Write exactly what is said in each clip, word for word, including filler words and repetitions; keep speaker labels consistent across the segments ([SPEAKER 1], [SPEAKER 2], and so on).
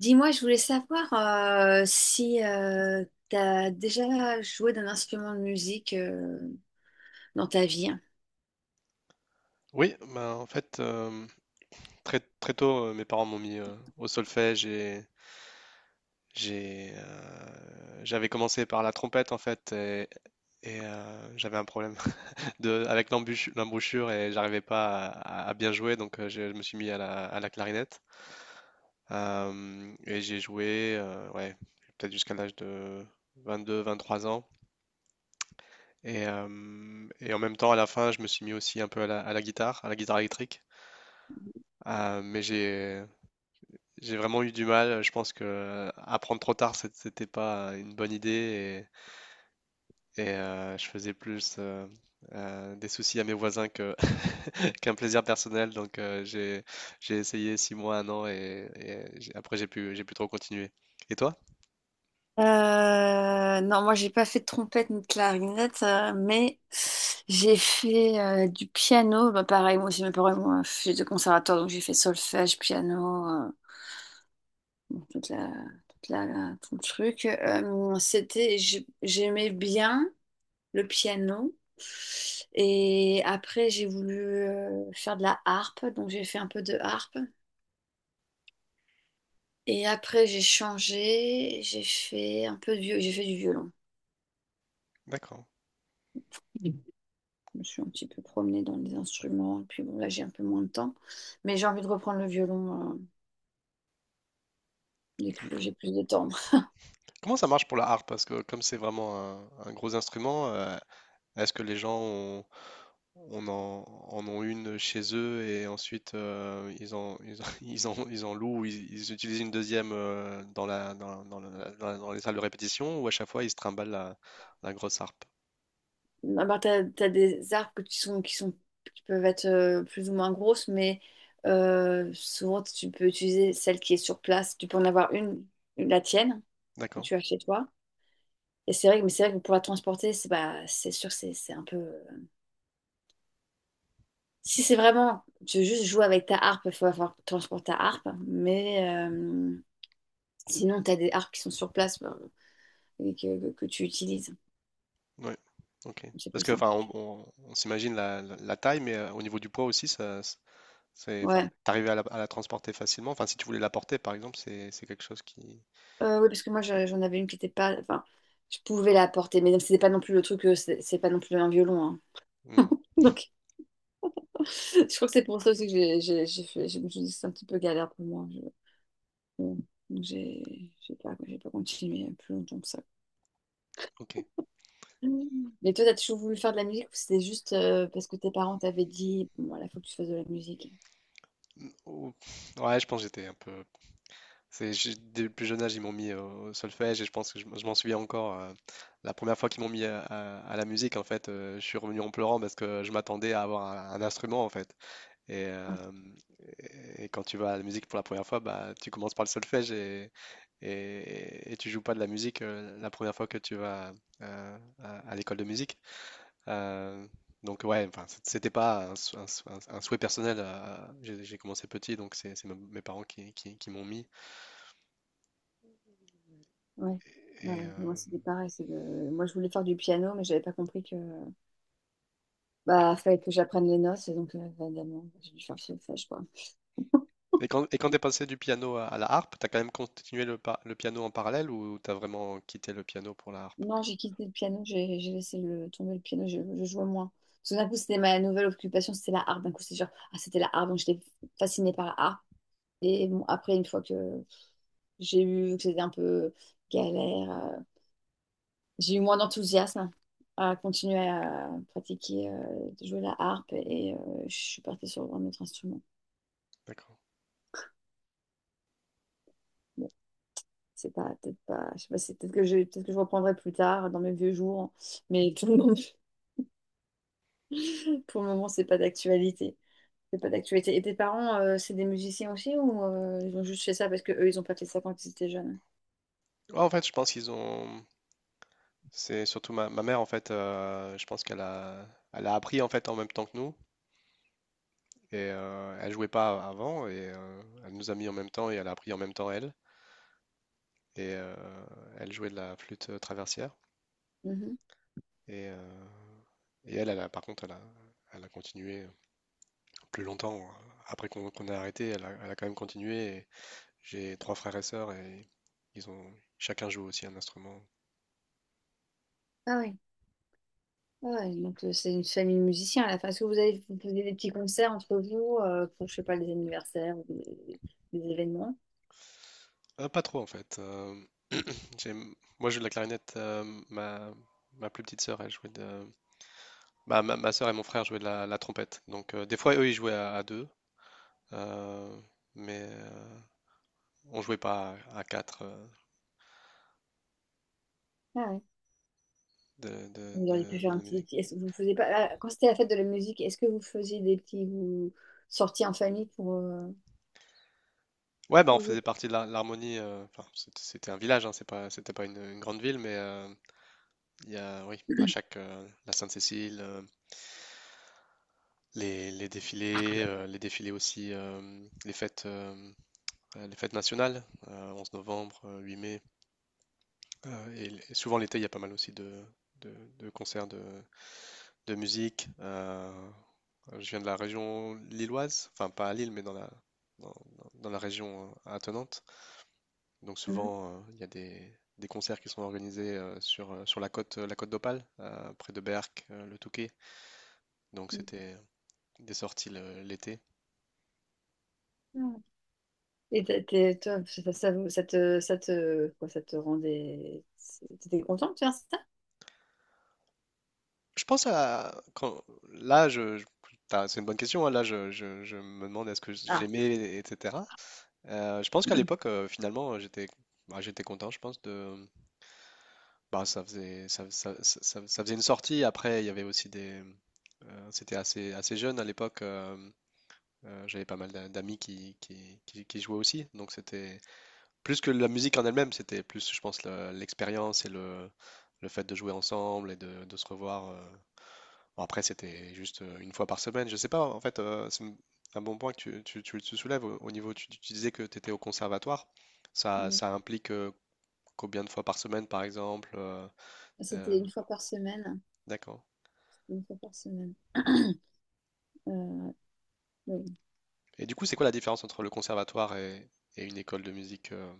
[SPEAKER 1] Dis-moi, je voulais savoir euh, si tu as déjà joué d'un instrument de musique euh, dans ta vie.
[SPEAKER 2] Oui, ben, en fait, euh, très, très tôt, euh, mes parents m'ont mis euh, au solfège et j'ai, euh, j'avais commencé par la trompette en fait et, et, euh, j'avais un problème de, avec l'embûche- l'embouchure et j'arrivais pas à, à bien jouer donc euh, je, je me suis mis à la, à la clarinette. Euh, et j'ai joué euh, ouais, peut-être jusqu'à l'âge de vingt-deux vingt-trois ans et, euh, et en même temps à la fin je me suis mis aussi un peu à la, à la guitare, à la guitare électrique. Euh, mais j'ai J'ai vraiment eu du mal. Je pense que euh, apprendre trop tard, c'est- c'était pas une bonne idée et, et, euh, je faisais plus euh, euh, des soucis à mes voisins que qu'un plaisir personnel. Donc euh, j'ai j'ai essayé six mois, un an et, et j'ai- après j'ai pu j'ai plus trop continuer. Et toi?
[SPEAKER 1] Euh, non, moi j'ai pas fait de trompette ni de clarinette, euh, mais j'ai fait euh, du piano. Bah, pareil, moi aussi, mes parents, moi, j'ai de conservatoire, donc j'ai fait solfège, piano, euh, toute la, toute la, la- tout le truc. Euh, c'était, j'ai- j'aimais bien le piano. Et après, j'ai voulu euh, faire de la harpe, donc j'ai fait un peu de harpe. Et après, j'ai changé, j'ai fait un peu de viol- j'ai fait du violon.
[SPEAKER 2] D'accord.
[SPEAKER 1] Je me suis un petit peu promenée dans les instruments, et puis bon, là, j'ai un peu moins de temps. Mais j'ai envie de reprendre le violon, euh, dès que j'ai plus de temps.
[SPEAKER 2] Comment ça marche pour la harpe? Parce que comme c'est vraiment un, un gros instrument, euh, est-ce que les gens ont, on en, en ont une chez eux et ensuite euh, ils en, ils en, ils en- ils en louent ou ils, ils utilisent une deuxième euh, dans la, dans, dans la- dans la- dans les salles de répétition ou à chaque fois ils se trimballent la, la grosse harpe?
[SPEAKER 1] Ah bah, t'as, t'as des arbres que tu- sont, qui sont, qui peuvent être euh, plus ou moins grosses, mais euh, souvent tu peux utiliser celle qui est sur place. Tu peux en avoir une, une- la tienne, que
[SPEAKER 2] D'accord.
[SPEAKER 1] tu as chez toi. Et c'est vrai, que- mais c'est vrai que pour la transporter, c'est bah, c'est sûr, c'est c'est un peu. Si c'est vraiment, tu veux juste jouer avec ta harpe, il faut avoir transporter ta harpe. Mais euh, sinon, tu as des harpes qui sont sur place bah, et que, que tu utilises.
[SPEAKER 2] Oui. Ok.
[SPEAKER 1] C'est
[SPEAKER 2] Parce
[SPEAKER 1] plus
[SPEAKER 2] que enfin,
[SPEAKER 1] simple.
[SPEAKER 2] on, on- on s'imagine la, la- la taille, mais euh, au niveau du poids aussi, ça, c'est, enfin,
[SPEAKER 1] Ouais.
[SPEAKER 2] t'arrivais à la, à la transporter facilement. Enfin, si tu voulais la porter, par exemple, c'est c'est quelque chose qui.
[SPEAKER 1] Euh, oui, parce que moi, je- j'en avais une qui était pas. Enfin, je pouvais la porter, mais c'était pas non plus le truc, euh, c'est c'est pas non plus un violon, hein.
[SPEAKER 2] Hmm.
[SPEAKER 1] Donc, je crois que c'est pour ça aussi que j'ai j'ai- j'ai fait. Je me suis dit, c'est un petit peu galère pour moi. Je- bon, donc j'ai j'ai pas, j'ai pas continué plus longtemps que ça.
[SPEAKER 2] Ok.
[SPEAKER 1] Mhm. Mais toi, t'as toujours voulu faire de la musique ou c'était juste euh, parce que tes parents t'avaient dit, bon, voilà, faut que tu fasses de la musique.
[SPEAKER 2] ou- Ouais, je pense que j'étais un peu. C'est, j'ai- dès le plus jeune âge, ils m'ont mis au au solfège et je pense que je, m- je m'en souviens encore. Euh, la première fois qu'ils m'ont mis à, à- à la musique, en fait, euh, je suis revenu en pleurant parce que je m'attendais à avoir un, un instrument, en fait. Et,
[SPEAKER 1] Ah,
[SPEAKER 2] euh, et, et quand tu vas à la musique pour la première fois, bah, tu commences par le solfège et, et, et tu joues pas de la musique euh, la première fois que tu vas euh, à, à l'école de musique. Euh, donc ouais, enfin, c- c'était pas un, sou- un sou- un- un souhait personnel. Euh, j'ai j'ai commencé petit, donc c'est c'est me- mes parents qui, qui- qui m'ont mis.
[SPEAKER 1] ouais. Ouais,
[SPEAKER 2] Et, euh,
[SPEAKER 1] ouais. Moi, c'était pareil. c'est le- Moi, je voulais faire du piano, mais j'avais pas compris que bah fallait que j'apprenne les notes, et donc euh, évidemment, j'ai dû faire solfège, quoi.
[SPEAKER 2] et quand, et quand t'es passé du piano à, à la harpe, t'as quand même continué le, par- le piano en parallèle ou t'as vraiment quitté le piano pour la harpe?
[SPEAKER 1] Non, j'ai quitté le piano, j'ai j'ai laissé le, tomber le piano, je, je jouais moins. Tout d'un coup, c'était ma nouvelle occupation, c'était la harpe. D'un coup, c'est genre, ah, c'était la harpe, donc j'étais fascinée par la harpe. Et bon, après, une fois que j'ai eu que c'était un peu galère, euh, j'ai eu moins d'enthousiasme à continuer à pratiquer, euh, de jouer la harpe et euh, je suis partie sur un autre instrument.
[SPEAKER 2] D'accord.
[SPEAKER 1] Bon, c'est pas, peut-être pas, je sais pas, c'est peut-être que je, peut-être que je reprendrai plus tard dans mes vieux jours, mais tout le monde- pour le moment, c'est pas d'actualité. C'est pas d'actualité. Et tes parents, euh, c'est des musiciens aussi ou euh, ils ont juste fait ça parce que eux, ils ont pas fait ça quand ils étaient jeunes?
[SPEAKER 2] Ouais, en fait, je pense qu'ils ont. C'est surtout ma, ma mère en fait. Euh, je pense qu'elle a, elle a appris en fait en même temps que nous. Et euh, elle jouait pas avant et euh, elle nous a mis en même temps et elle a appris en même temps elle. Et euh, Elle jouait de la flûte traversière.
[SPEAKER 1] Mhm.
[SPEAKER 2] Et, euh, et elle, elle a, par contre, elle a, elle a continué plus longtemps, hein. Après qu'on qu'on ait arrêté, elle a, elle a quand même continué. Et j'ai trois frères et sœurs et ils ont, chacun joue aussi un instrument.
[SPEAKER 1] Ah oui. Ah ouais, donc euh, c'est une famille de musiciens à la fin. Est-ce que vous avez vous faisiez des petits concerts entre vous euh, pour, je sais pas, les anniversaires ou des, des événements?
[SPEAKER 2] Euh, pas trop en fait. Euh, j'ai- Moi, je joue de la clarinette. euh, ma, Ma plus petite sœur, elle jouait de. Bah, ma, ma sœur et mon frère jouaient de la, la trompette. Donc euh, des fois, eux, ils jouaient à, à deux. euh, mais euh, on jouait pas à, à quatre euh,
[SPEAKER 1] Ah ouais.
[SPEAKER 2] de, de,
[SPEAKER 1] Vous auriez pu
[SPEAKER 2] de,
[SPEAKER 1] faire
[SPEAKER 2] de
[SPEAKER 1] un
[SPEAKER 2] la
[SPEAKER 1] petit...
[SPEAKER 2] musique.
[SPEAKER 1] petit- est-ce que vous faisiez pas... ah, quand c'était la fête de la musique, est-ce que vous faisiez des petits vous, sorties en famille pour, euh,
[SPEAKER 2] Ouais, bah, on
[SPEAKER 1] pour jouer?
[SPEAKER 2] faisait partie de l'Har- l'Harmonie. Euh, enfin, c'était c'était un village, hein, c'est pas, c'était pas une, une grande ville, mais euh, il y a, oui, à chaque euh, la Sainte-Cécile, euh, les, les défilés, euh, les défilés aussi, euh, les fêtes, euh, euh, les fêtes nationales, euh, onze novembre, euh, huit mai. Euh, et, l- et souvent l'été, il y a pas mal aussi de, de, de concerts de, de musique. Euh, je viens de la région lilloise, enfin pas à Lille, mais dans la, dans, dans- dans la région euh, attenante. Donc souvent, euh, il y a des, des concerts qui sont organisés euh, sur, euh, sur la côte, euh, la côte d'Opale, euh, près de Berck, euh, le Touquet. Donc c'était des sorties le- l'été.
[SPEAKER 1] Mhm. Et t'es- t'es- toi, ça, ça, ça te, ça te, quoi, ça te rendait... T'étais contente de faire ça?
[SPEAKER 2] Je pense à quand là, je, je- t'as- c'est une bonne question, hein. Là, je, je- je me demande est-ce que
[SPEAKER 1] Ah.
[SPEAKER 2] j'aimais, et cetera. Euh, je pense qu'à l'époque, euh, finalement, j'étais bah, j'étais content. Je pense de bah, ça faisait ça, ça- ça- ça- ça faisait une sortie. Après, il y avait aussi des euh, C'était assez assez jeune à l'époque. Euh, Euh, j'avais pas mal d'a- d'amis qui, qui, qui- qui jouaient aussi, donc c'était plus que la musique en elle-même, c'était plus, je pense, la- l'expérience et le, le fait de jouer ensemble et de, de se revoir. euh. Bon, après, c'était juste euh, une fois par semaine, je sais pas, en fait. Euh, c'est une- un bon point que tu, tu, tu- tu soulèves au, au niveau, tu, tu disais que tu étais au conservatoire, ça,
[SPEAKER 1] Mm.
[SPEAKER 2] ça implique euh, combien de fois par semaine, par exemple, euh,
[SPEAKER 1] C'était
[SPEAKER 2] euh,
[SPEAKER 1] une fois par semaine.
[SPEAKER 2] d'accord.
[SPEAKER 1] Une fois par semaine. Euh, oui.
[SPEAKER 2] Et du coup, c'est quoi la différence entre le conservatoire et, et une école de musique euh,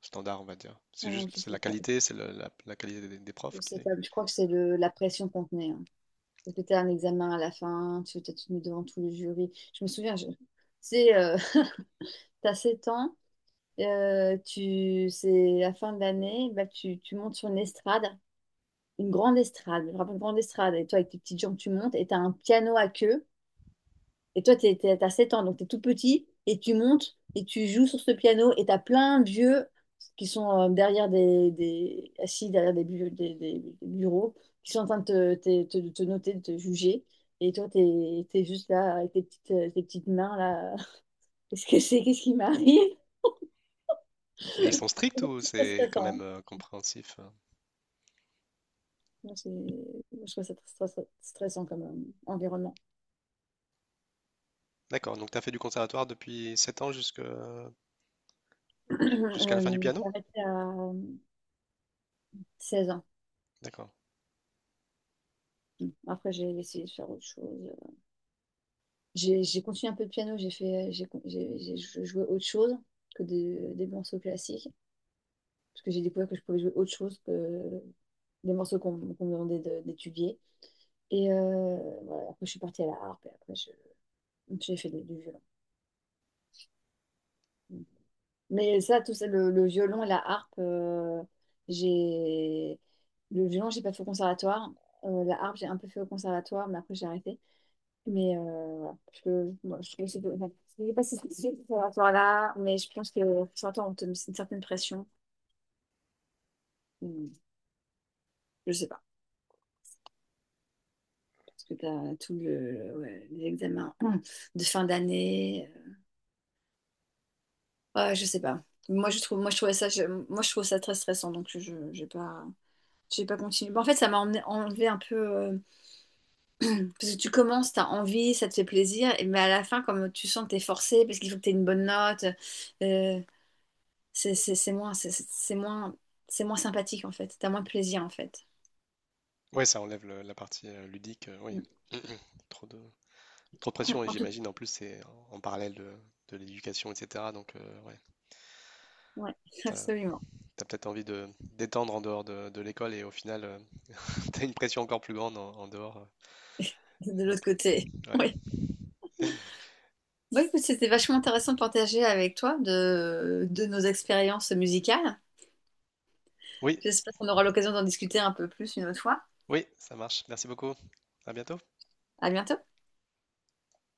[SPEAKER 2] standard, on va dire? C'est
[SPEAKER 1] Alors,
[SPEAKER 2] juste,
[SPEAKER 1] je
[SPEAKER 2] c'est
[SPEAKER 1] sais
[SPEAKER 2] la
[SPEAKER 1] pas.
[SPEAKER 2] qualité, c'est le- la, la qualité des, des
[SPEAKER 1] Je
[SPEAKER 2] profs qui
[SPEAKER 1] sais
[SPEAKER 2] est-.
[SPEAKER 1] pas. Je crois que c'est le- la pression qu'on tenait, hein. Parce que tu as un examen à la fin, tu t'es mis devant tout le jury. Je me souviens, je- c'est, euh, t'as sept ans, euh, tu, c'est la fin de l'année, bah, tu, tu montes sur une estrade, une grande estrade, je me rappelle, une grande estrade. Et toi, avec tes petites jambes, tu montes et tu as un piano à queue. Et toi, t'es, t'es- t'as sept ans, donc t'es tout petit, et tu montes, et tu joues sur ce piano, et t'as plein de vieux qui sont euh, derrière des, des- assis derrière des, bu- des- des bureaux, qui sont en train de te, te- te- te noter, de te juger. Et toi, t'es, t'es juste là avec tes petites, euh, tes petites mains là. Qu'est-ce que c'est? Qu'est-ce qui m'arrive?
[SPEAKER 2] Et ils sont stricts ou
[SPEAKER 1] C'est très
[SPEAKER 2] c'est quand même
[SPEAKER 1] stressant.
[SPEAKER 2] euh, compréhensif? euh
[SPEAKER 1] Moi, c'est- moi, je trouve ça très stress- stressant comme euh, environnement.
[SPEAKER 2] D'accord, donc tu as fait du conservatoire depuis sept ans jusque- jusqu'à la fin du
[SPEAKER 1] Euh,
[SPEAKER 2] piano?
[SPEAKER 1] j'ai arrêté à seize ans.
[SPEAKER 2] D'accord.
[SPEAKER 1] Après, j'ai essayé de faire autre chose. J'ai j'ai continué un peu de piano, j'ai fait, euh, j'ai con- j'ai- j'ai jou- joué autre chose que des, des morceaux classiques, parce que j'ai découvert que je pouvais jouer autre chose que des morceaux qu'on qu'on me demandait de- d'étudier. Et euh, voilà, après, je suis partie à la harpe, et après, je- j'ai fait du, du violon. Mais ça, tout ça, le, le violon et la harpe, euh, j'ai... Le violon, j'ai pas fait au conservatoire. Euh, la harpe, j'ai un peu fait au conservatoire, mais après, j'ai arrêté. Mais euh, voilà. Je, moi, je trouve que c'est de- enfin, je sais pas si c'est sûr par rapport à là, mais je pense que certains on te met une certaine pression. Hmm, je sais pas, parce que tu as tout le, ouais, les examens hum, de fin d'année. euh, Ouais, je sais pas. Moi je trouve, moi je trouvais ça, je- moi je trouve ça très stressant, donc je, je- j'ai pas, j'ai pas continué. Bon, en fait, ça m'a emmené- enlevé un peu, euh, parce que tu commences, t'as envie, ça te fait plaisir, et- mais à la fin, comme tu sens que t'es forcé, parce qu'il faut que t'aies une bonne note. euh, c'est c'est- c'est moins, c'est c'est- c'est moins, c'est moins sympathique en fait. T'as moins de plaisir en fait.
[SPEAKER 2] Ouais, ça enlève le- la partie euh, ludique, euh, oui.
[SPEAKER 1] Mm.
[SPEAKER 2] Trop de, trop de pression et
[SPEAKER 1] En tout,
[SPEAKER 2] j'imagine en plus c'est en, en parallèle de, de l'éducation, et cetera. Donc euh, ouais,
[SPEAKER 1] ouais,
[SPEAKER 2] t'as,
[SPEAKER 1] absolument.
[SPEAKER 2] t'as peut-être envie de d'étendre en dehors de, de l'école et au final euh, t'as une pression encore plus grande en, en dehors. euh,
[SPEAKER 1] De
[SPEAKER 2] Ok,
[SPEAKER 1] l'autre côté,
[SPEAKER 2] ouais.
[SPEAKER 1] oui. Bon, écoute, c'était vachement intéressant de partager avec toi de, de nos expériences musicales.
[SPEAKER 2] Oui,
[SPEAKER 1] J'espère qu'on aura l'occasion d'en discuter un peu plus une autre fois.
[SPEAKER 2] oui, ça marche. Merci beaucoup. À bientôt.
[SPEAKER 1] À bientôt.